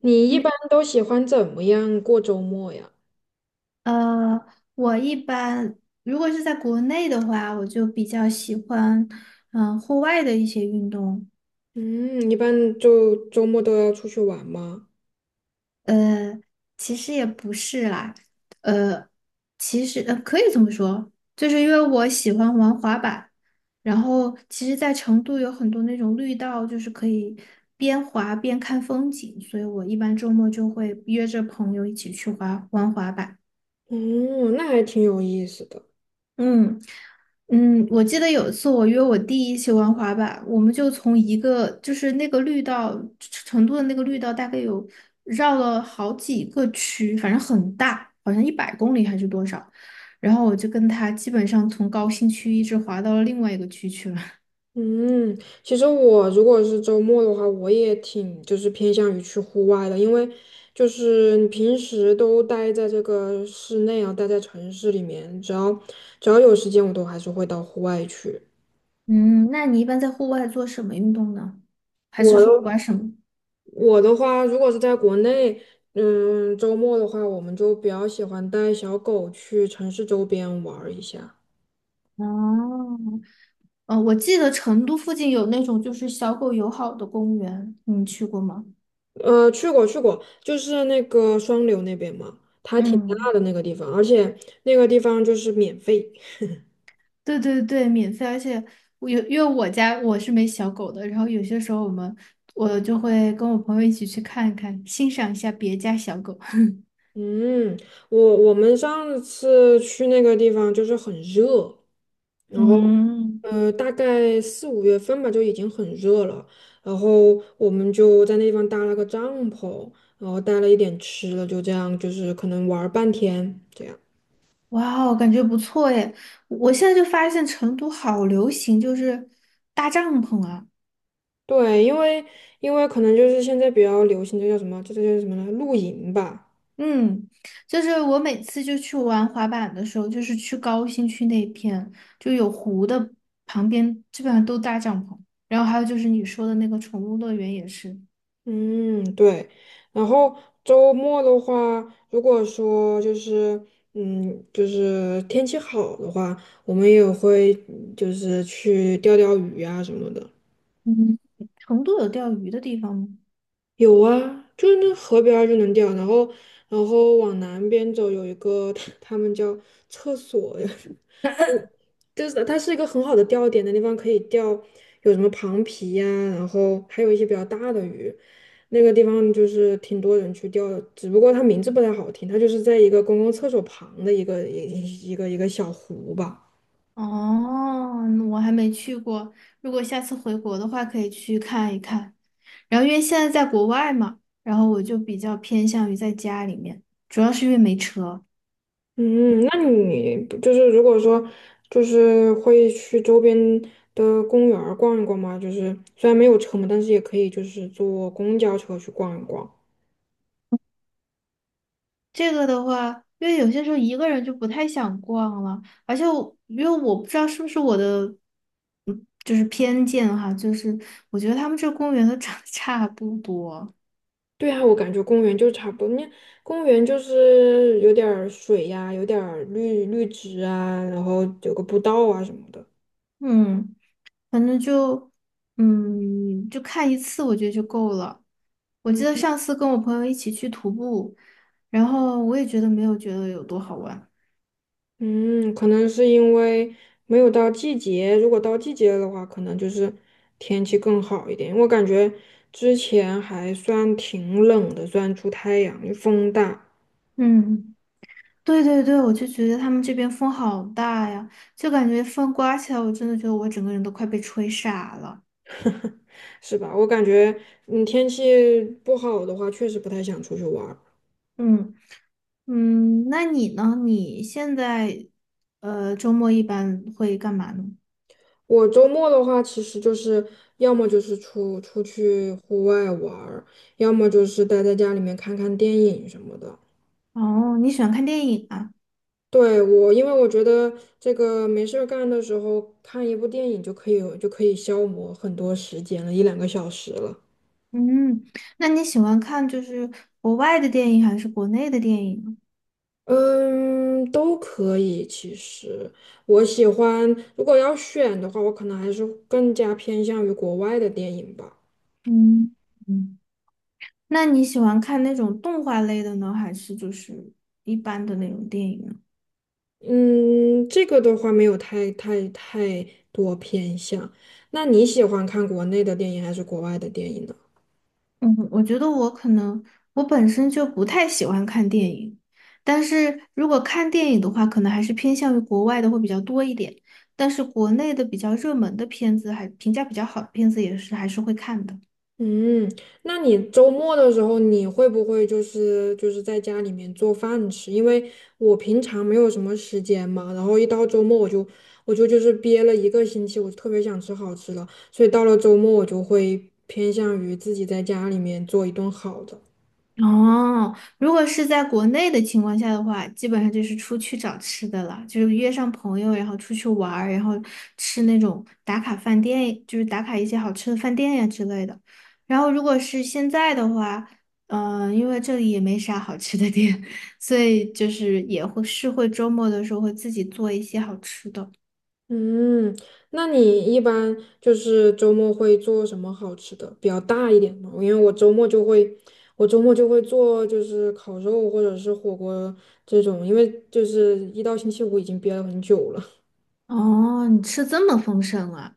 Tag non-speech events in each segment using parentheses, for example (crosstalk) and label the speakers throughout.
Speaker 1: 你一
Speaker 2: 你
Speaker 1: 般都喜欢怎么样过周末呀？
Speaker 2: 呃，我一般如果是在国内的话，我就比较喜欢户外的一些运动。
Speaker 1: 嗯，一般就周末都要出去玩吗？
Speaker 2: 呃，其实也不是啦，呃，其实可以这么说，就是因为我喜欢玩滑板，然后其实，在成都有很多那种绿道，就是可以边滑边看风景，所以我一般周末就会约着朋友一起去滑玩滑板。
Speaker 1: 哦，那还挺有意思的。
Speaker 2: 嗯嗯，我记得有一次我约我弟一起玩滑板，我们就从一个就是那个绿道，成都的那个绿道大概有绕了好几个区，反正很大，好像100公里还是多少。然后我就跟他基本上从高新区一直滑到了另外一个区去了。
Speaker 1: 嗯，其实我如果是周末的话，我也挺就是偏向于去户外的，因为就是你平时都待在这个室内啊，待在城市里面，只要有时间，我都还是会到户外去。
Speaker 2: (laughs) 嗯，那你一般在户外做什么运动呢？还
Speaker 1: 我
Speaker 2: 是说
Speaker 1: 的
Speaker 2: 玩什么？
Speaker 1: 我的话，如果是在国内，嗯，周末的话，我们就比较喜欢带小狗去城市周边玩儿一下。
Speaker 2: 哦，我记得成都附近有那种就是小狗友好的公园，你去过吗？
Speaker 1: 去过，就是那个双流那边嘛，它挺
Speaker 2: 嗯。
Speaker 1: 大的那个地方，而且那个地方就是免费。
Speaker 2: 对对对，免费，而且我有，因为我家我是没小狗的，然后有些时候我就会跟我朋友一起去看看，欣赏一下别家小狗。(laughs)
Speaker 1: 嗯，我们上次去那个地方就是很热，然后。
Speaker 2: 嗯，
Speaker 1: 大概四五月份吧，就已经很热了。然后我们就在那地方搭了个帐篷，然后带了一点吃的，就这样，就是可能玩儿半天这样。
Speaker 2: 哇哦，感觉不错耶！我现在就发现成都好流行，就是搭帐篷啊。
Speaker 1: 对，因为可能就是现在比较流行，这叫什么？这叫什么呢？露营吧。
Speaker 2: 嗯，就是我每次就去玩滑板的时候，就是去高新区那片，就有湖的旁边，基本上都搭帐篷。然后还有就是你说的那个宠物乐园也是。
Speaker 1: 嗯，对。然后周末的话，如果说就是嗯，就是天气好的话，我们也会就是去钓钓鱼啊什么的。
Speaker 2: 嗯，成都有钓鱼的地方吗？
Speaker 1: 有啊，就是那河边儿就能钓，然后往南边走有一个，(laughs) 他们叫厕所呀，(laughs) 我就是它是一个很好的钓点的地方，可以钓有什么螃皮呀、然后还有一些比较大的鱼，那个地方就是挺多人去钓的，只不过它名字不太好听，它就是在一个公共厕所旁的一个小湖吧。
Speaker 2: 哦，我还没去过。如果下次回国的话，可以去看一看。然后因为现在在国外嘛，然后我就比较偏向于在家里面，主要是因为没车。
Speaker 1: 嗯，那你不就是如果说就是会去周边的公园儿逛一逛吗？就是虽然没有车嘛，但是也可以就是坐公交车去逛一逛。
Speaker 2: 这个的话，因为有些时候一个人就不太想逛了，而且我因为我不知道是不是我的，嗯，就是偏见哈，就是我觉得他们这公园都 (laughs) 长得差不多，
Speaker 1: 对啊，我感觉公园就差不多，那公园就是有点儿水呀、有点儿绿绿植啊，然后有个步道啊什么的。
Speaker 2: 嗯。反正就，嗯，就看一次，我觉得就够了。我记
Speaker 1: 嗯。
Speaker 2: 得上次跟我朋友一起去徒步，然后我也觉得没有觉得有多好玩。
Speaker 1: 嗯，可能是因为没有到季节，如果到季节的话，可能就是天气更好一点。我感觉之前还算挺冷的，虽然出太阳，风大，
Speaker 2: 嗯，对对对，我就觉得他们这边风好大呀，就感觉风刮起来，我真的觉得我整个人都快被吹傻了。
Speaker 1: 是吧？我感觉，嗯，天气不好的话，确实不太想出去玩儿。
Speaker 2: 嗯嗯，那你呢？你现在周末一般会干嘛呢？
Speaker 1: 我周末的话，其实就是要么就是出出去户外玩儿，要么就是待在家里面看看电影什么的。
Speaker 2: 哦，你喜欢看电影啊？
Speaker 1: 对，我，因为我觉得这个没事儿干的时候看一部电影就可以消磨很多时间了，一两个小时了。
Speaker 2: 嗯，那你喜欢看就是国外的电影还是国内的电影呢
Speaker 1: 嗯，都可以。其实我喜欢，如果要选的话，我可能还是更加偏向于国外的电影吧。
Speaker 2: 嗯嗯，那你喜欢看那种动画类的呢，还是就是一般的那种电影呢？
Speaker 1: 嗯，这个的话没有太多偏向。那你喜欢看国内的电影还是国外的电影呢？
Speaker 2: 嗯，我觉得我可能我本身就不太喜欢看电影，但是如果看电影的话，可能还是偏向于国外的会比较多一点，但是国内的比较热门的片子还评价比较好的片子也是还是会看的。
Speaker 1: 嗯，那你周末的时候，你会不会就是在家里面做饭吃？因为我平常没有什么时间嘛，然后一到周末我就是憋了一个星期，我就特别想吃好吃的，所以到了周末我就会偏向于自己在家里面做一顿好的。
Speaker 2: 哦，如果是在国内的情况下的话，基本上就是出去找吃的了，就是约上朋友，然后出去玩儿，然后吃那种打卡饭店，就是打卡一些好吃的饭店呀之类的。然后如果是现在的话，因为这里也没啥好吃的店，(laughs) 所以就是也会是会周末的时候会自己做一些好吃的。
Speaker 1: 嗯，那你一般就是周末会做什么好吃的，比较大一点的？因为我周末就会做就是烤肉或者是火锅这种，因为就是一到星期五已经憋了很久了。
Speaker 2: 哦，你吃这么丰盛啊？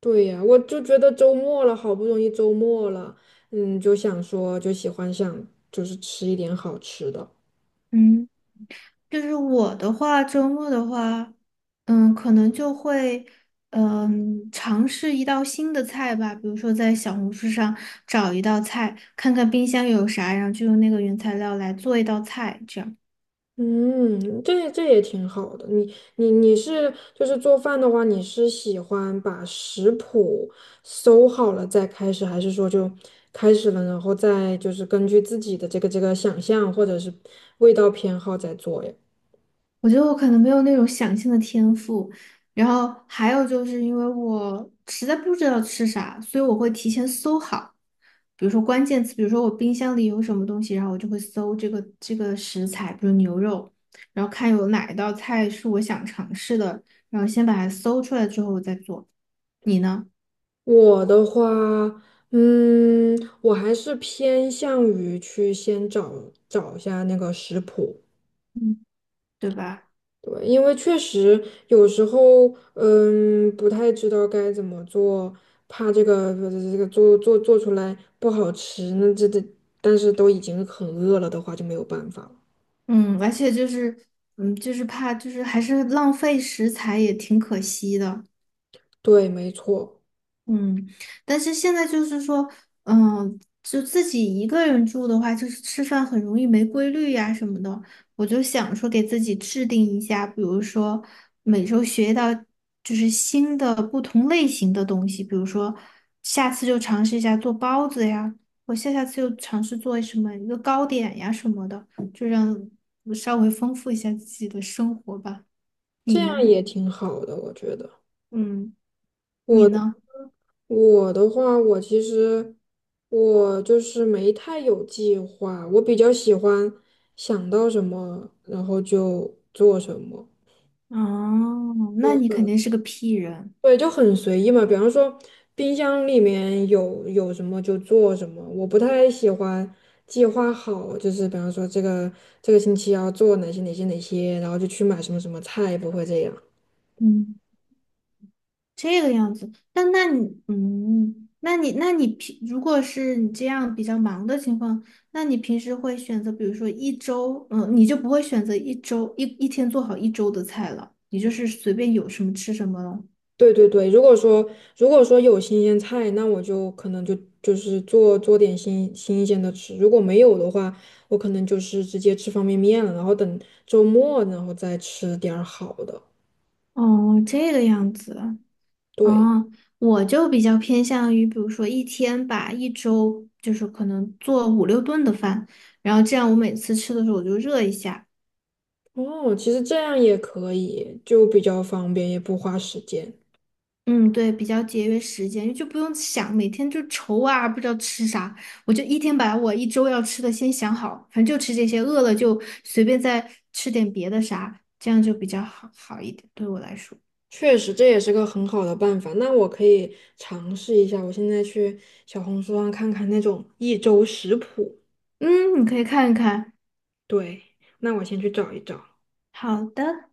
Speaker 1: 对呀，我就觉得周末了，好不容易周末了，嗯，就想说就喜欢就是吃一点好吃的。
Speaker 2: 嗯。就是我的话，周末的话，可能就会，尝试一道新的菜吧，比如说在小红书上找一道菜，看看冰箱有啥，然后就用那个原材料来做一道菜，这样。
Speaker 1: 嗯，这这也挺好的。你是就是做饭的话，你是喜欢把食谱搜好了再开始，还是说就开始了，然后再就是根据自己的这个想象或者是味道偏好再做呀？
Speaker 2: 我觉得我可能没有那种想象的天赋，然后还有就是因为我实在不知道吃啥，所以我会提前搜好。比如说关键词，比如说我冰箱里有什么东西，然后我就会搜这个食材，比如牛肉，然后看有哪一道菜是我想尝试的，然后先把它搜出来之后我再做。你呢？
Speaker 1: 我的话，嗯，我还是偏向于去先找一下那个食谱，
Speaker 2: 嗯，对吧？
Speaker 1: 对，因为确实有时候，嗯，不太知道该怎么做，怕这个做出来不好吃，那这，但是都已经很饿了的话就没有办法了。
Speaker 2: 嗯，而且就是，就是怕就是还是浪费食材也挺可惜的。
Speaker 1: 对，没错，
Speaker 2: 嗯，但是现在就是说，就自己一个人住的话，就是吃饭很容易没规律呀、什么的。我就想说，给自己制定一下，比如说每周学到就是新的不同类型的东西，比如说下次就尝试一下做包子呀，我下下次又尝试做什么一个糕点呀什么的，就让我稍微丰富一下自己的生活吧。
Speaker 1: 这
Speaker 2: 你
Speaker 1: 样
Speaker 2: 呢？
Speaker 1: 也挺好的，我觉得。
Speaker 2: 嗯，你
Speaker 1: 我
Speaker 2: 呢？
Speaker 1: 我的话，我其实我就是没太有计划，我比较喜欢想到什么，然后就做什么。
Speaker 2: 哦，那
Speaker 1: 就
Speaker 2: 你肯定
Speaker 1: 很。
Speaker 2: 是个 P 人。
Speaker 1: 对，就很随意嘛。比方说，冰箱里面有什么就做什么。我不太喜欢计划好，就是比方说这个星期要做哪些，然后就去买什么什么菜，不会这样。
Speaker 2: 嗯，这个样子。那你如果是你这样比较忙的情况，那你平时会选择，比如说一周，嗯，你就不会选择一周一天做好一周的菜了，你就是随便有什么吃什么了。
Speaker 1: 对对对，如果说有新鲜菜，那我就可能就就是做点新鲜的吃。如果没有的话，我可能就是直接吃方便面了，然后等周末然后再吃点儿好的。
Speaker 2: 哦，这个样子。
Speaker 1: 对。
Speaker 2: 哦，我就比较偏向于，比如说一天吧，一周就是可能做5、6顿的饭，然后这样我每次吃的时候我就热一下。
Speaker 1: 哦，其实这样也可以，就比较方便，也不花时间。
Speaker 2: 嗯，对，比较节约时间，就不用想每天就愁啊，不知道吃啥，我就一天把我一周要吃的先想好，反正就吃这些，饿了就随便再吃点别的啥，这样就比较好一点，对我来说。
Speaker 1: 确实，这也是个很好的办法。那我可以尝试一下，我现在去小红书上看看那种一周食谱。
Speaker 2: 嗯，你可以看一看。
Speaker 1: 对，那我先去找一找。
Speaker 2: 好的。